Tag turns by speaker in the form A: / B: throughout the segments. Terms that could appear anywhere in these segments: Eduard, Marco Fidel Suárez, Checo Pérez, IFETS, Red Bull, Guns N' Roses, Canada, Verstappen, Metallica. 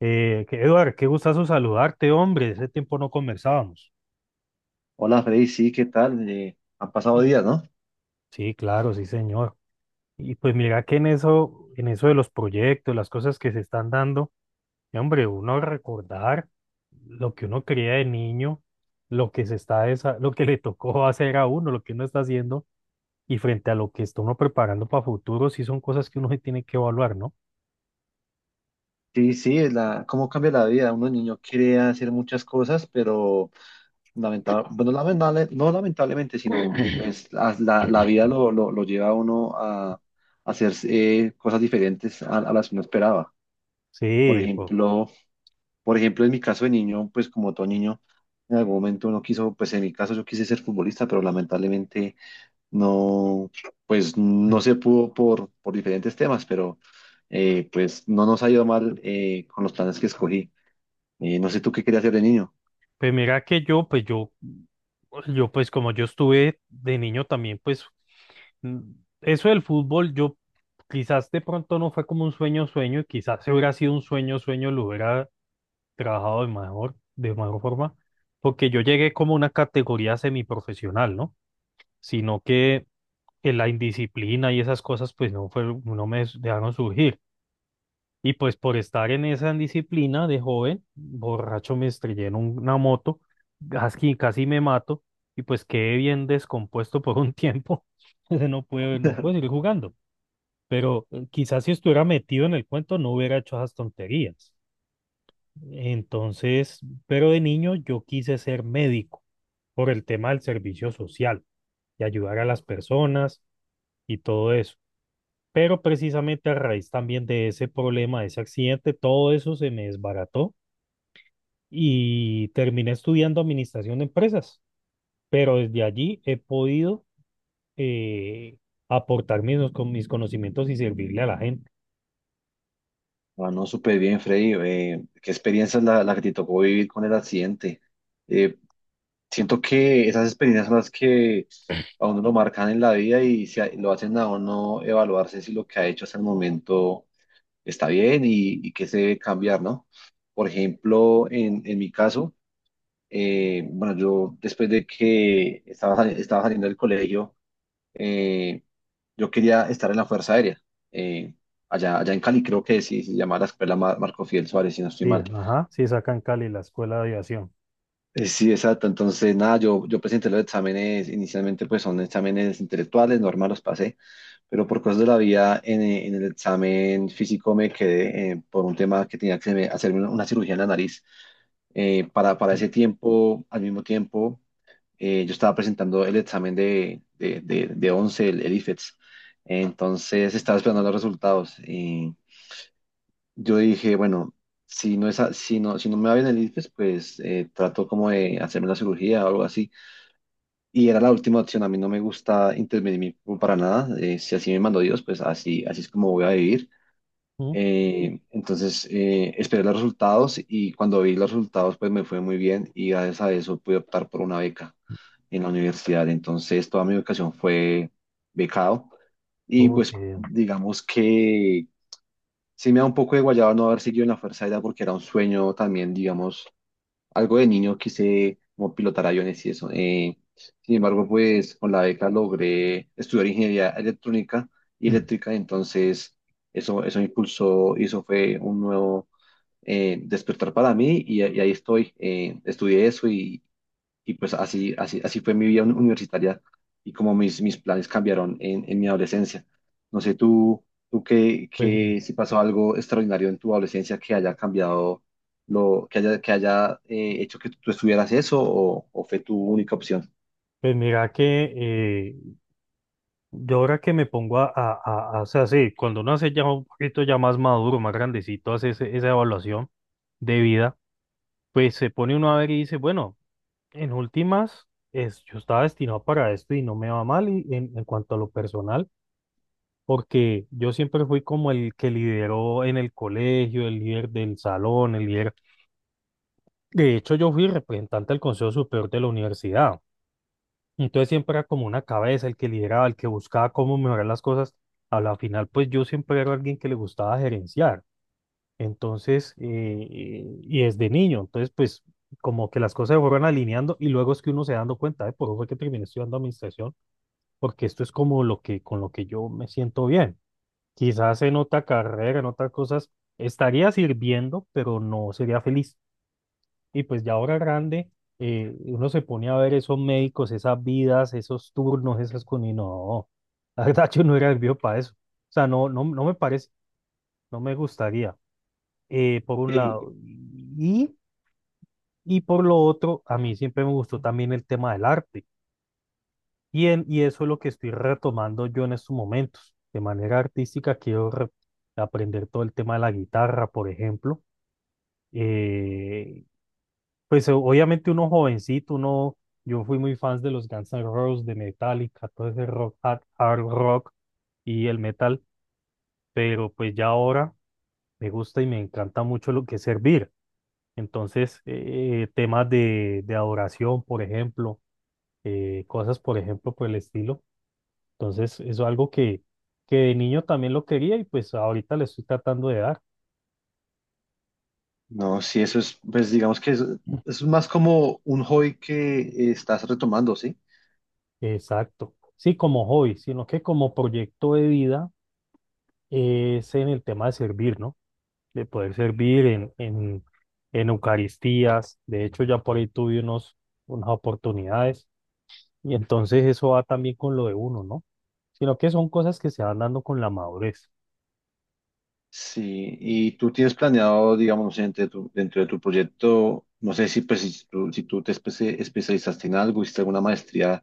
A: Eduard, qué gustazo saludarte, hombre. Ese tiempo no conversábamos.
B: Hola Freddy, sí, ¿qué tal? Han pasado días, ¿no?
A: Sí, claro, sí, señor. Y pues mira que en eso de los proyectos, las cosas que se están dando, hombre, uno recordar lo que uno creía de niño, lo que se está, desa- lo que le tocó hacer a uno, lo que uno está haciendo, y frente a lo que está uno preparando para futuro, sí son cosas que uno se tiene que evaluar, ¿no?
B: Sí, sí, cómo cambia la vida. Uno de niño quiere hacer muchas cosas, pero lamentable, bueno, lamentable, no lamentablemente, sino pues la vida lo lleva a uno a hacer cosas diferentes a las que uno esperaba. Por
A: Sí, pues.
B: ejemplo, por ejemplo, en mi caso de niño, pues como todo niño, en algún momento uno quiso, pues en mi caso yo quise ser futbolista, pero lamentablemente no, pues no se pudo por diferentes temas, pero pues no nos ha ido mal con los planes que escogí. No sé tú qué querías hacer de niño.
A: Pues mira que yo, yo pues como yo estuve de niño también, pues mm, eso del fútbol, yo quizás de pronto no fue como un sueño, y quizás si hubiera sido un sueño, lo hubiera trabajado de mejor forma, porque yo llegué como una categoría semiprofesional, ¿no? Sino que, que la indisciplina y esas cosas, pues no fue, no me dejaron surgir. Y pues por estar en esa indisciplina de joven, borracho me estrellé una moto, casi, casi me mato y pues quedé bien descompuesto por un tiempo. Entonces no puedo seguir jugando. Pero quizás si estuviera metido en el cuento no hubiera hecho esas tonterías. Entonces, pero de niño yo quise ser médico por el tema del servicio social y ayudar a las personas y todo eso. Pero precisamente a raíz también de ese problema, de ese accidente, todo eso se me desbarató y terminé estudiando administración de empresas, pero desde allí he podido eh, aportar mis, con mis conocimientos y servirle a la gente.
B: Ah, no, súper bien, Freddy. ¿Qué experiencia es la que te tocó vivir con el accidente? Eh, siento que esas experiencias son las que a uno lo marcan en la vida y lo hacen a uno evaluarse si lo que ha hecho hasta el momento está bien y qué se debe cambiar, ¿no? Por ejemplo, en mi caso. Bueno, yo después de que estaba saliendo del colegio, eh, yo quería estar en la Fuerza Aérea. eh, allá en Cali creo que sí, se llama la escuela Marco Fidel Suárez, si no estoy
A: Sí,
B: mal.
A: ajá, sí, sacan Cali la escuela de aviación.
B: Sí, exacto. Entonces, nada, yo presenté los exámenes, inicialmente pues son exámenes intelectuales, normal los pasé, pero por cosas de la vida en el examen físico me quedé por un tema que tenía que hacerme una cirugía en la nariz. Para ese tiempo, al mismo tiempo yo estaba presentando el examen de 11, el IFETS. Entonces estaba esperando los resultados. Y yo dije, bueno, si no, es a- si no, si no me va bien el IFES, pues trato como de hacerme una cirugía o algo así. Y era la última opción. A mí no me gusta intervenir mi cuerpo para nada. Si así me mandó Dios, pues así, así es como voy a vivir.
A: ¿No?
B: Entonces esperé los resultados y cuando vi los resultados, pues me fue muy bien y gracias a eso pude optar por una beca en la universidad. Entonces, toda mi educación fue becado y
A: Uy, qué
B: pues
A: bien.
B: digamos que sí me da un poco de guayaba no haber seguido en la Fuerza Aérea porque era un sueño también, digamos, algo de niño quise como pilotar aviones y eso. Sin embargo, pues con la beca logré estudiar ingeniería electrónica y eléctrica, entonces eso me impulsó y eso fue un nuevo despertar para mí y ahí estoy. Estudié eso y pues así fue mi vida universitaria y como mis planes cambiaron en mi adolescencia. No sé, tú
A: Pues, mi-
B: si pasó algo extraordinario en tu adolescencia que haya cambiado, que haya hecho que tú estuvieras eso o fue tu única opción.
A: pues mira que eh, yo ahora que me pongo o sea, sí, cuando uno hace ya un poquito ya más maduro, más grandecito, hace esa evaluación de vida, pues se pone uno a ver y dice, bueno. En últimas, es, yo estaba destinado para esto y no me va mal y, en cuanto a lo personal, porque yo siempre fui como el que lideró en el colegio, el líder del salón, el líder. De hecho, yo fui representante del Consejo Superior de la universidad. Entonces siempre era como una cabeza, el que lideraba, el que buscaba cómo mejorar las cosas. A la final, pues yo siempre era alguien que le gustaba gerenciar. Entonces, y desde niño, entonces, pues, como que las cosas se fueron alineando y luego es que uno se dando cuenta, de por eso fue que terminé estudiando administración, porque esto es como lo que, con lo que yo me siento bien. Quizás en otra carrera, en otras cosas, estaría sirviendo, pero no sería feliz. Y pues ya ahora grande, uno se pone a ver esos médicos, esas vidas, esos turnos, esas cosas, y no, la verdad yo no era el para eso. O sea, no, no, no me parece, no me gustaría por un
B: Sí.
A: lado. Y, y por lo otro, a mí siempre me gustó también el tema del arte. Y, y eso es lo que estoy retomando yo en estos momentos. De manera artística, quiero aprender todo el tema de la guitarra, por ejemplo. Eh, pues obviamente uno jovencito, uno, yo fui muy fan de los Guns N' Roses, de Metallica, todo ese rock, hard rock y el metal, pero pues ya ahora me gusta y me encanta mucho lo que es servir. Entonces, temas de adoración, por ejemplo, cosas, por ejemplo, por el estilo. Entonces, eso es algo que de niño también lo quería y pues ahorita le estoy tratando de dar.
B: No, sí, eso es, pues digamos que es más como un hobby que estás retomando, ¿sí?
A: Exacto. Sí, como hobby, sino que como proyecto de vida es en el tema de servir, ¿no? De poder servir en Eucaristías. De hecho, ya por ahí tuve unos, unas oportunidades y entonces eso va también con lo de uno, ¿no? Sino que son cosas que se van dando con la madurez.
B: Sí, y tú tienes planeado, digamos, no sé, dentro de tu proyecto, no sé si, pues, si tú te especializaste en algo, hiciste alguna maestría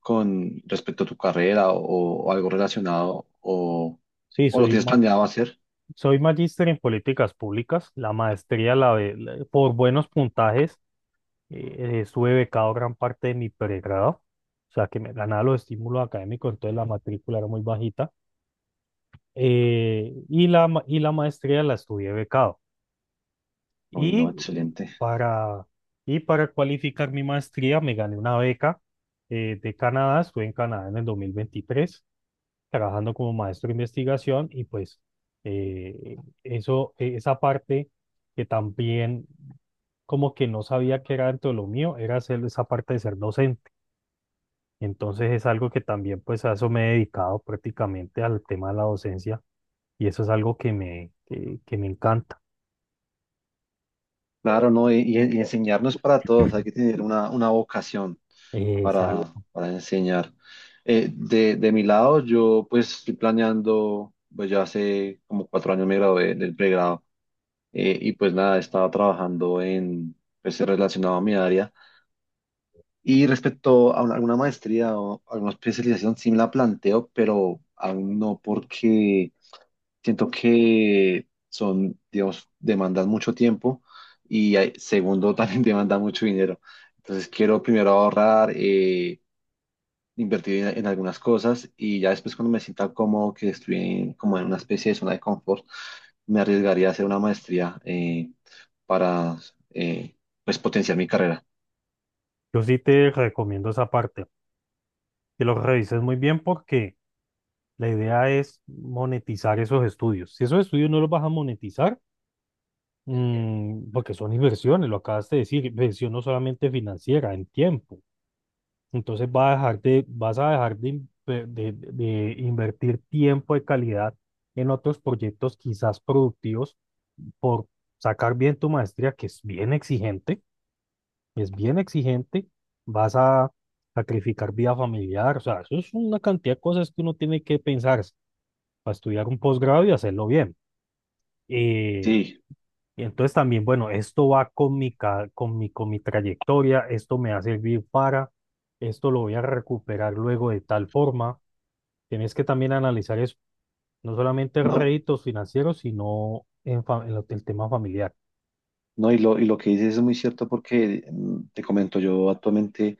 B: con respecto a tu carrera o algo relacionado,
A: Sí,
B: o lo
A: soy,
B: tienes
A: ma-
B: planeado hacer.
A: soy magíster en políticas públicas. La maestría, por buenos puntajes, estuve becado gran parte de mi pregrado. O sea, que me ganaba los estímulos académicos, entonces la matrícula era muy bajita. Y la maestría la estudié becado.
B: Uy, no,
A: Y
B: excelente.
A: para, y para cualificar mi maestría, me gané una beca de Canadá. Estuve en Canadá en el 2023. Trabajando como maestro de investigación y pues eh, esa parte que también como que no sabía que era dentro de lo mío, era hacer esa parte de ser docente. Entonces es algo que también pues a eso me he dedicado prácticamente al tema de la docencia y eso es algo que me encanta.
B: Claro, no, y enseñar no es para todos, hay que tener una vocación para,
A: Exacto.
B: para enseñar. De mi lado, yo pues estoy planeando, pues ya hace como 4 años me gradué del pregrado y pues nada, estaba trabajando en, pues relacionado a mi área. Y respecto a alguna maestría o alguna especialización, sí me la planteo, pero aún no porque siento que son, digamos, demandan mucho tiempo y segundo, también demanda mucho dinero. Entonces quiero primero ahorrar, invertir en algunas cosas y ya después cuando me sienta cómodo, que estoy como en una especie de zona de confort, me arriesgaría a hacer una maestría para eh, pues potenciar mi carrera.
A: Yo sí te recomiendo esa parte, que lo revises muy bien porque la idea es monetizar esos estudios. Si esos estudios no los vas a monetizar, mm, porque son inversiones, lo acabas de decir, inversión no solamente financiera, en tiempo. Entonces vas a dejar de, invertir tiempo de calidad en otros proyectos quizás productivos por sacar bien tu maestría, que es es bien exigente, vas a sacrificar vida familiar, o sea, eso es una cantidad de cosas que uno tiene que pensar para estudiar un posgrado y hacerlo bien. Eh,
B: Sí,
A: Y entonces también, bueno, esto va con mi, ca- con mi trayectoria, esto me va a servir para, esto lo voy a recuperar luego de tal forma. Tienes que también analizar eso, no solamente
B: no,
A: réditos financieros, sino en, fa- en lo- el tema familiar.
B: no, y lo que dices es muy cierto porque te comento, yo actualmente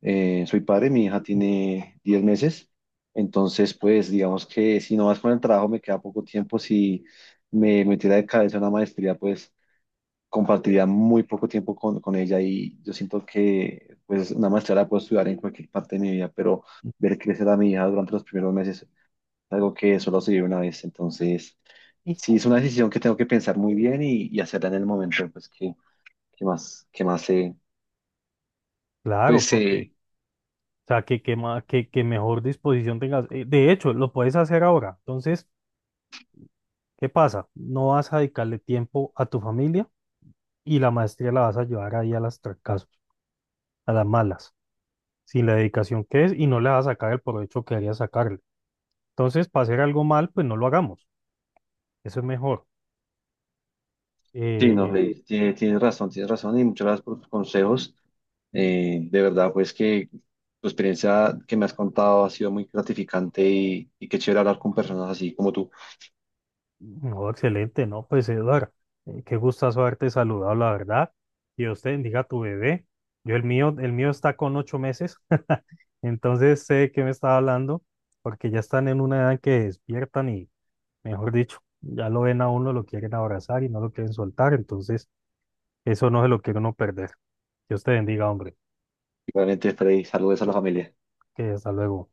B: soy padre, mi hija tiene 10 meses, entonces pues digamos que si no vas con el trabajo me queda poco tiempo, si me metiera de cabeza en una maestría, pues compartiría muy poco tiempo con ella y yo siento que pues una maestría la puedo estudiar en cualquier parte de mi vida, pero ver crecer a mi hija durante los primeros meses es algo que solo se vive una vez, entonces
A: y
B: sí es una decisión que tengo que pensar muy bien y hacerla en el momento, pues que más
A: Claro,
B: pues
A: porque,
B: se,
A: que mejor disposición tengas. De hecho, lo puedes hacer ahora. Entonces, ¿qué pasa? No vas a dedicarle tiempo a tu familia y la maestría la vas a llevar ahí a las trancazos, a las malas. Sin la dedicación que es y no le va a sacar el provecho que debería sacarle. Entonces, para hacer algo mal, pues no lo hagamos. Eso es mejor.
B: sí, no,
A: Eh,
B: tienes razón y muchas gracias por tus consejos. De verdad pues que tu experiencia que me has contado ha sido muy gratificante y qué chévere hablar con personas así como tú.
A: no, excelente, ¿no? Pues Eduardo, qué gustazo haberte saludado, la verdad. Y usted bendiga a tu bebé. Yo el mío está con 8 meses, entonces sé que me está hablando, porque ya están en una edad en que despiertan y, mejor dicho, ya lo ven a uno, lo quieren abrazar y no lo quieren soltar, entonces eso no se lo quiere uno perder. Dios te bendiga, hombre.
B: Igualmente, Freddy, saludos a la familia.
A: Que hasta luego.